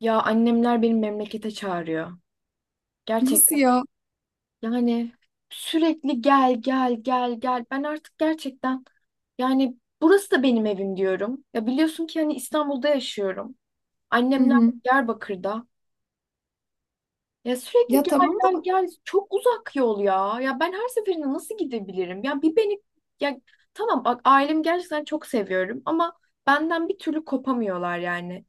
Ya annemler beni memlekete çağırıyor. Nasıl Gerçekten ya? yani sürekli gel gel gel gel. Ben artık gerçekten yani burası da benim evim diyorum. Ya biliyorsun ki hani İstanbul'da yaşıyorum. Hı Annemler hı. Diyarbakır'da. Ya sürekli Ya gel tamam da gel gel çok uzak yol ya. Ya ben her seferinde nasıl gidebilirim? Ya bir beni ya Tamam, bak, ailemi gerçekten çok seviyorum ama benden bir türlü kopamıyorlar yani.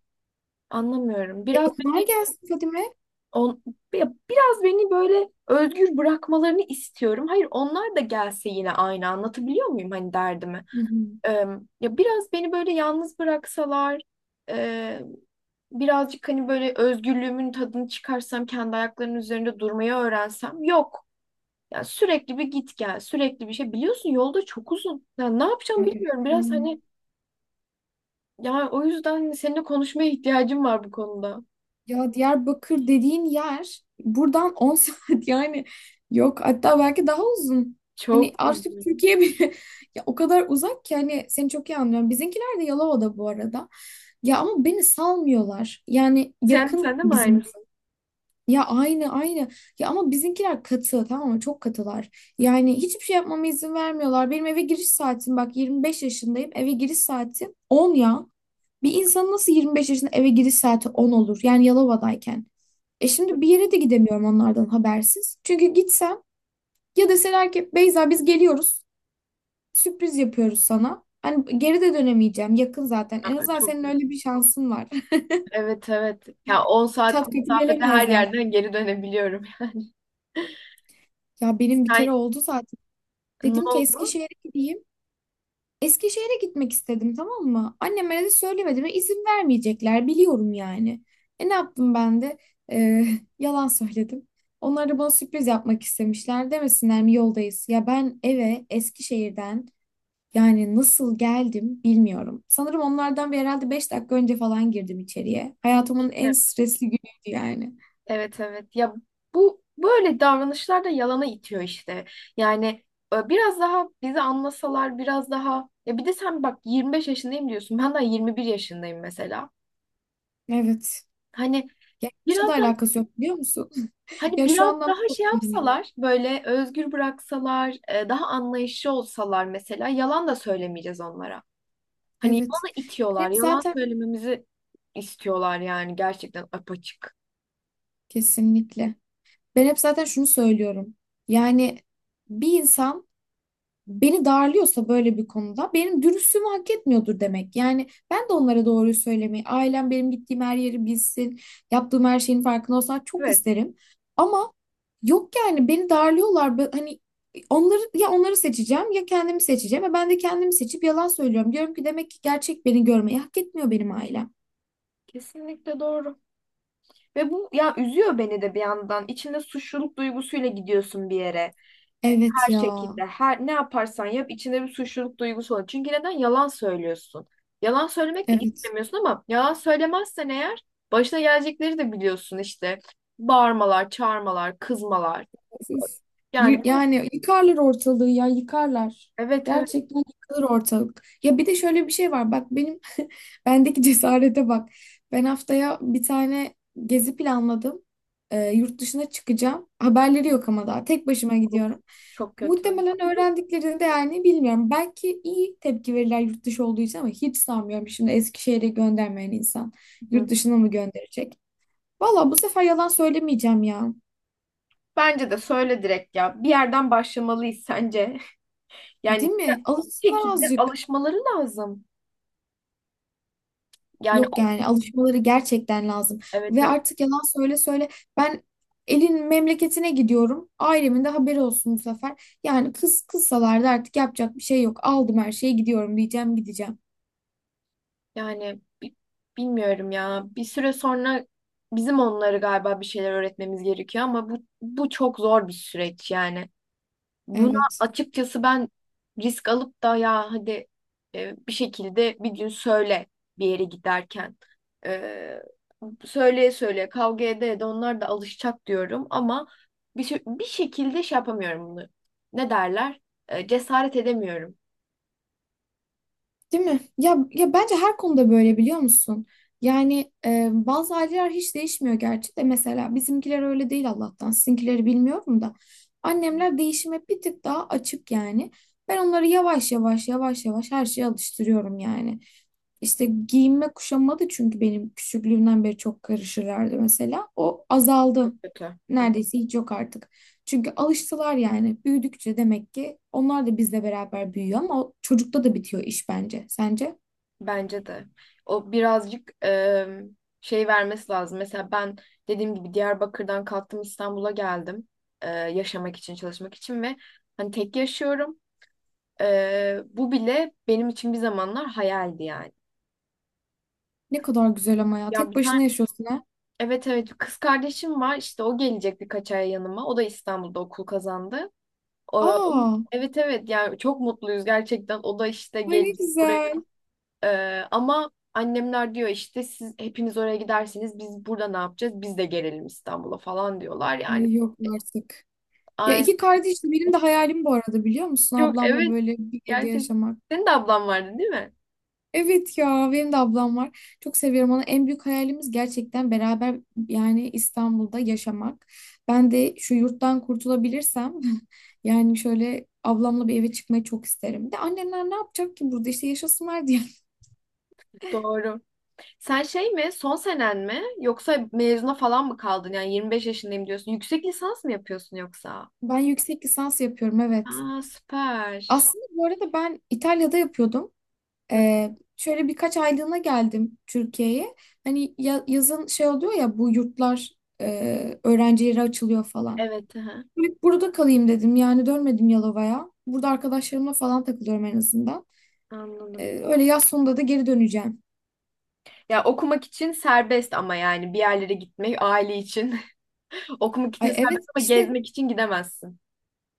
Anlamıyorum. e, onlar gelsin Fadime. On, Ya biraz beni böyle özgür bırakmalarını istiyorum. Hayır, onlar da gelse yine aynı, anlatabiliyor muyum hani derdimi? Hı hı. Ee, Ya biraz beni böyle yalnız bıraksalar, e, birazcık hani böyle özgürlüğümün tadını çıkarsam, kendi ayaklarının üzerinde durmayı öğrensem. Yok. Yani sürekli bir git gel, sürekli bir şey. Biliyorsun yolda çok uzun. Ya ne yapacağım Ay evet bilmiyorum. ya. Biraz hani Ya o yüzden seninle konuşmaya ihtiyacım var bu konuda. Ya Diyarbakır dediğin yer buradan 10 saat yani yok, hatta belki daha uzun. Hani Çok artık uzun. Türkiye bile ya o kadar uzak ki hani seni çok iyi anlıyorum. Bizimkiler de Yalova'da bu arada. Ya ama beni salmıyorlar. Yani Sen, yakın sen de mi bizim. aynısın? Ya aynı aynı. Ya ama bizimkiler katı, tamam mı? Çok katılar. Yani hiçbir şey yapmama izin vermiyorlar. Benim eve giriş saatim, bak, 25 yaşındayım. Eve giriş saatim 10 ya. Bir insan nasıl 25 yaşında eve giriş saati 10 olur? Yani Yalova'dayken. E şimdi bir yere de gidemiyorum onlardan habersiz. Çünkü gitsem, ya deseler ki Beyza biz geliyoruz, sürpriz yapıyoruz sana. Hani geri de dönemeyeceğim. Yakın zaten. En Aa, azından çok senin kötü. öyle bir şansın var. Evet evet. Ya 10 Çat saatlik kapı mesafede her gelemezler. yerden geri dönebiliyorum. Ya benim bir kere Sen, oldu zaten. ne Dedim ki oldu? Eskişehir'e gideyim. Eskişehir'e gitmek istedim, tamam mı? Anneme de söylemedim ve izin vermeyecekler, biliyorum yani. E ne yaptım ben de? Ee, yalan söyledim. Onlar da bana sürpriz yapmak istemişler. Demesinler mi yoldayız? Ya ben eve Eskişehir'den yani nasıl geldim bilmiyorum. Sanırım onlardan bir herhalde 5 dakika önce falan girdim içeriye. Hayatımın en E- stresli günüydü yani. Evet evet. Ya bu böyle davranışlar da yalana itiyor işte. Yani, biraz daha bizi anlasalar, biraz daha. Ya bir de sen bak, 25 yaşındayım diyorsun. Ben daha 21 yaşındayım mesela. Evet. Hani Ya hiçbir şey de biraz daha alakası yok, biliyor musun? hani Ya şu biraz anlamda daha çok şey yani. yapsalar, böyle özgür bıraksalar, daha anlayışlı olsalar, mesela yalan da söylemeyeceğiz onlara. Hani Evet. yalanı Ben itiyorlar. hep Yalan zaten söylememizi istiyorlar yani, gerçekten apaçık. kesinlikle. Ben hep zaten şunu söylüyorum. Yani bir insan beni darlıyorsa böyle bir konuda benim dürüstlüğümü hak etmiyordur demek. Yani ben de onlara doğruyu söylemeyi, ailem benim gittiğim her yeri bilsin, yaptığım her şeyin farkında olsun, çok Evet, isterim. Ama yok yani, beni darlıyorlar. Hani onları ya onları seçeceğim ya kendimi seçeceğim. Ve ben de kendimi seçip yalan söylüyorum. Diyorum ki demek ki gerçek beni görmeyi hak etmiyor benim ailem. kesinlikle doğru. Ve bu ya, üzüyor beni de bir yandan. İçinde suçluluk duygusuyla gidiyorsun bir yere. Evet Her ya. şekilde, her ne yaparsan yap, içinde bir suçluluk duygusu olur. Çünkü neden yalan söylüyorsun? Yalan söylemek de Evet. istemiyorsun ama yalan söylemezsen eğer, başına gelecekleri de biliyorsun işte. Bağırmalar, çağırmalar, kızmalar. Siz, Yani bu, yani yıkarlar ortalığı, ya yıkarlar. evet evet, Gerçekten yıkılır ortalık. Ya bir de şöyle bir şey var. Bak bendeki cesarete bak. Ben haftaya bir tane gezi planladım. Yurt dışına çıkacağım. Haberleri yok ama daha. Tek başıma gidiyorum. çok kötü. Muhtemelen öğrendiklerini de yani bilmiyorum. Belki iyi tepki verirler yurt dışı olduğu için ama hiç sanmıyorum. Şimdi Eskişehir'e göndermeyen insan Hı. yurt dışına mı gönderecek? Valla bu sefer yalan söylemeyeceğim ya. Bence de söyle direkt ya. Bir yerden başlamalıyız sence. Yani Değil mi? bir Alışsınlar şekilde azıcık. alışmaları lazım. Yani Yok, o, yani alışmaları gerçekten lazım. evet Ve evet, artık yalan söyle söyle, ben elin memleketine gidiyorum. Ailemin de haberi olsun bu sefer. Yani kız kızsalar da artık yapacak bir şey yok. Aldım her şeyi, gidiyorum, diyeceğim, gideceğim. yani bilmiyorum ya. Bir süre sonra bizim onları galiba bir şeyler öğretmemiz gerekiyor ama bu çok zor bir süreç yani. Buna Evet. açıkçası ben risk alıp da, ya hadi, bir şekilde bir gün söyle, bir yere giderken. E, Söyleye söyleye, kavga ede ede onlar da alışacak diyorum ama bir şekilde şey yapamıyorum bunu. Ne derler? Cesaret edemiyorum. Değil mi? Ya, bence her konuda böyle, biliyor musun? Yani bazı aileler hiç değişmiyor gerçi de, mesela bizimkiler öyle değil Allah'tan. Sizinkileri bilmiyorum da. Annemler değişime bir tık daha açık yani. Ben onları yavaş yavaş yavaş yavaş her şeye alıştırıyorum yani. İşte giyinme kuşanma da, çünkü benim küçüklüğümden beri çok karışırlardı mesela. O azaldı. Kötü. Hı. Neredeyse hiç yok artık. Çünkü alıştılar yani. Büyüdükçe demek ki onlar da bizle beraber büyüyor, ama o çocukta da bitiyor iş bence. Sence? Bence de. O birazcık şey vermesi lazım. Mesela ben dediğim gibi Diyarbakır'dan kalktım, İstanbul'a geldim. Yaşamak için, çalışmak için, ve hani tek yaşıyorum. Bu bile benim için bir zamanlar hayaldi yani. Ne kadar güzel ama ya. Ya Tek bir tane başına yaşıyorsun ha. Evet evet, bir kız kardeşim var işte, o gelecek birkaç ay yanıma. O da İstanbul'da okul kazandı. O, o- Aa, evet evet, yani çok mutluyuz gerçekten. O da işte ay ne gelecek buraya. güzel. Ama annemler diyor işte, siz hepiniz oraya giderseniz biz burada ne yapacağız? Biz de gelelim İstanbul'a falan diyorlar yani. Ay yok artık. Ya Aynen. iki kardeşim, benim de hayalim bu arada, biliyor musun? Yok, Ablamla evet, böyle bir evde gerçekten. yaşamak. Senin de ablan vardı değil mi? Evet ya, benim de ablam var. Çok seviyorum onu. En büyük hayalimiz gerçekten beraber yani İstanbul'da yaşamak. Ben de şu yurttan kurtulabilirsem yani şöyle ablamla bir eve çıkmayı çok isterim. Bir de annemler ne yapacak ki burada, işte yaşasınlar diye. Doğru. Sen şey mi, son senen mi, yoksa mezuna falan mı kaldın? Yani 25 yaşındayım diyorsun. Yüksek lisans mı yapıyorsun yoksa? Ben yüksek lisans yapıyorum, evet. Aa, süper. Aslında bu arada ben İtalya'da yapıyordum. Hı. Şöyle birkaç aylığına geldim Türkiye'ye. Hani yazın şey oluyor ya, bu yurtlar öğrencilere açılıyor falan. Evet, aha, Hep burada kalayım dedim. Yani dönmedim Yalova'ya. Burada arkadaşlarımla falan takılıyorum en azından. anladım. Öyle yaz sonunda da geri döneceğim. Ya okumak için serbest ama yani bir yerlere gitmek, aile için. Okumak için Ay evet, serbest ama işte gezmek için gidemezsin.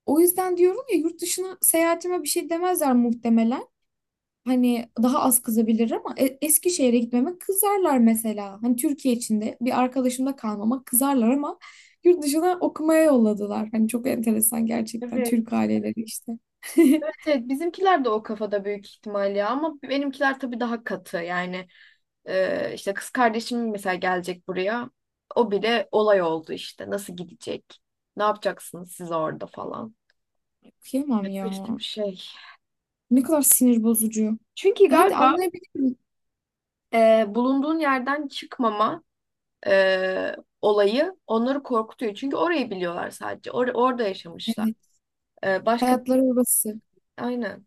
o yüzden diyorum ya, yurt dışına seyahatime bir şey demezler muhtemelen. Hani daha az kızabilir ama Eskişehir'e gitmeme kızarlar mesela. Hani Türkiye içinde bir arkadaşımda kalmama kızarlar ama yurt dışına okumaya yolladılar. Hani çok enteresan gerçekten Evet. Türk aileleri işte. Evet, evet, bizimkiler de o kafada büyük ihtimal ya, ama benimkiler tabii daha katı yani. İşte kız kardeşim mesela gelecek buraya, o bile olay oldu işte, nasıl gidecek, ne yapacaksınız siz orada falan. Okuyamam Evet, ya. kötü bir şey. Ne kadar sinir bozucu. Çünkü Ya hadi galiba, anlayabilirim. Bulunduğun yerden çıkmama e, olayı onları korkutuyor, çünkü orayı biliyorlar sadece, orada yaşamışlar. Evet. Başka, Hayatları orası. aynen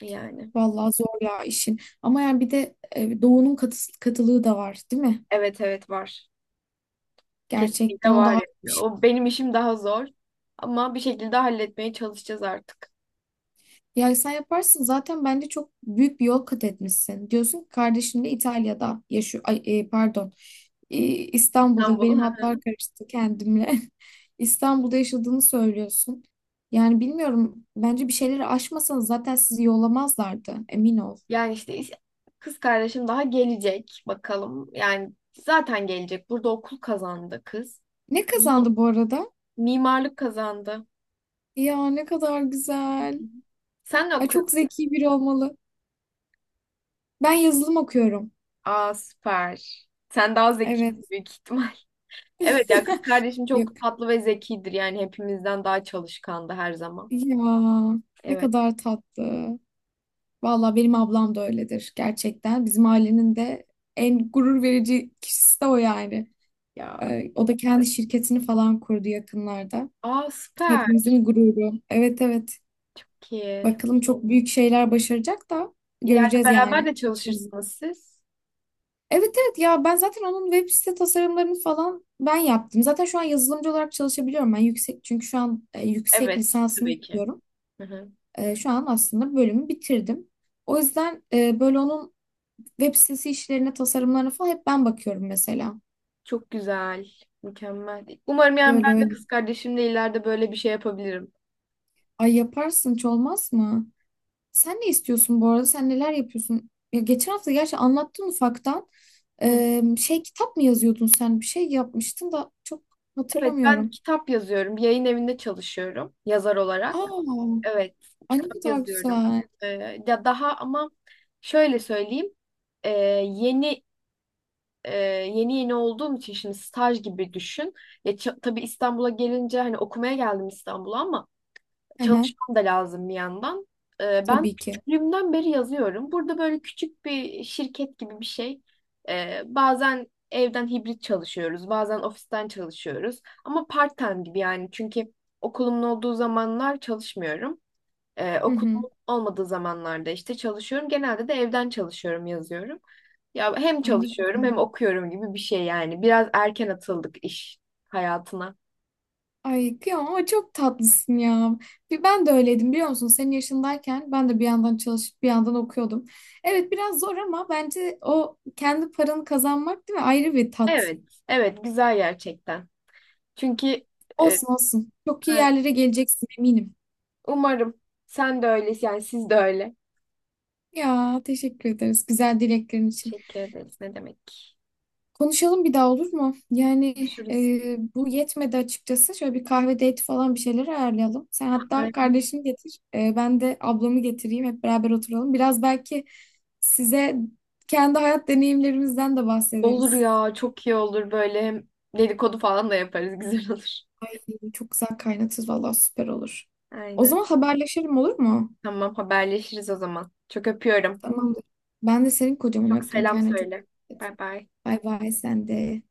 yani, Vallahi zor ya işin. Ama yani bir de doğunun katılığı da var, değil mi? evet evet var. Kesinlikle Gerçekten o da var ayrı bir ya. şey. O, benim işim daha zor. Ama bir şekilde halletmeye çalışacağız artık. Ya sen yaparsın zaten, bence çok büyük bir yol kat etmişsin. Diyorsun ki kardeşim de İtalya'da yaşıyor. Ay, pardon. İstanbul'da, İstanbul'u. benim hatlar karıştı kendimle. İstanbul'da yaşadığını söylüyorsun. Yani bilmiyorum, bence bir şeyleri aşmasanız zaten sizi yollamazlardı, emin ol. Yani işte kız kardeşim daha gelecek bakalım. Yani zaten gelecek. Burada okul kazandı kız. Ne Mimar- kazandı bu arada? Mimarlık kazandı. Ya ne kadar güzel. Sen ne Ay, çok okuyorsun? zeki biri olmalı. Ben yazılım okuyorum. Aa, süper. Sen daha zeki Evet. büyük ihtimal. Evet ya, kız kardeşim çok Yok. tatlı ve zekidir. Yani hepimizden daha çalışkandı her zaman. Ya ne Evet kadar tatlı. Valla benim ablam da öyledir gerçekten. Bizim ailenin de en gurur verici kişisi de o yani. ya. O da kendi şirketini falan kurdu yakınlarda. Aa, süper. Hepimizin gururu. Evet, evet. Çok iyi. Bakalım, çok büyük şeyler başaracak da İleride göreceğiz yani. beraber de çalışırsınız siz. Evet evet, ya ben zaten onun web site tasarımlarını falan ben yaptım. Zaten şu an yazılımcı olarak çalışabiliyorum ben, yüksek çünkü şu an yüksek Evet, lisansını tabii ki. yapıyorum. Hı hı. Şu an aslında bölümü bitirdim. O yüzden böyle onun web sitesi işlerine, tasarımlarına falan hep ben bakıyorum mesela. Çok güzel, mükemmel. Umarım yani Böyle ben de öyle. kız kardeşimle ileride böyle bir şey yapabilirim. Ay yaparsın, hiç olmaz mı? Sen ne istiyorsun bu arada? Sen neler yapıyorsun? Ya geçen hafta gerçi anlattın ufaktan. Hı. Kitap mı yazıyordun sen? Bir şey yapmıştın da çok Evet, ben hatırlamıyorum. kitap yazıyorum. Bir yayın evinde çalışıyorum yazar olarak. Aa. Evet, Ay ne kitap kadar yazıyorum. güzel. Ee, Ya daha, ama şöyle söyleyeyim. Ee, yeni e, Yeni yeni olduğum için şimdi staj gibi düşün. Ya tabii, İstanbul'a gelince, hani okumaya geldim İstanbul'a ama Hı hı, çalışmam da lazım bir yandan. Ben tabii ki. küçüklüğümden beri yazıyorum. Burada böyle küçük bir şirket gibi bir şey. Bazen evden hibrit çalışıyoruz, bazen ofisten çalışıyoruz. Ama part-time gibi yani, çünkü okulumun olduğu zamanlar çalışmıyorum. Hı hı. Okulumun olmadığı zamanlarda işte çalışıyorum. Genelde de evden çalışıyorum, yazıyorum. Ya hem Ay ne çalışıyorum güzel. hem okuyorum gibi bir şey yani. Biraz erken atıldık iş hayatına. Ay kıyamam ama çok tatlısın ya. Bir ben de öyleydim, biliyor musun? Senin yaşındayken ben de bir yandan çalışıp bir yandan okuyordum. Evet, biraz zor ama bence o kendi paranı kazanmak, değil mi? Ayrı bir tat. Evet, evet, güzel gerçekten. Çünkü e, Olsun olsun. Çok iyi evet. yerlere geleceksin, eminim. Umarım. Sen de öylesin yani, siz de öyle. Ya teşekkür ederiz güzel dileklerin için. Teşekkür ederiz. Ne demek? Konuşalım bir daha, olur mu? Yani Görüşürüz. Bu yetmedi açıkçası. Şöyle bir kahve date falan bir şeyler ayarlayalım. Sen hatta Aynen. kardeşini getir, ben de ablamı getireyim. Hep beraber oturalım. Biraz belki size kendi hayat deneyimlerimizden de Olur bahsederiz. ya, çok iyi olur böyle, hem dedikodu falan da yaparız, güzel olur. Çok güzel kaynatırız, vallahi süper olur. O Aynen. zaman haberleşelim, olur mu? Tamam, haberleşiriz o zaman. Çok öpüyorum. Tamamdır. Ben de senin kocaman Çok öptüm. selam Kendine çok söyle. dikkat et. Bay bay. Bay bay sen de.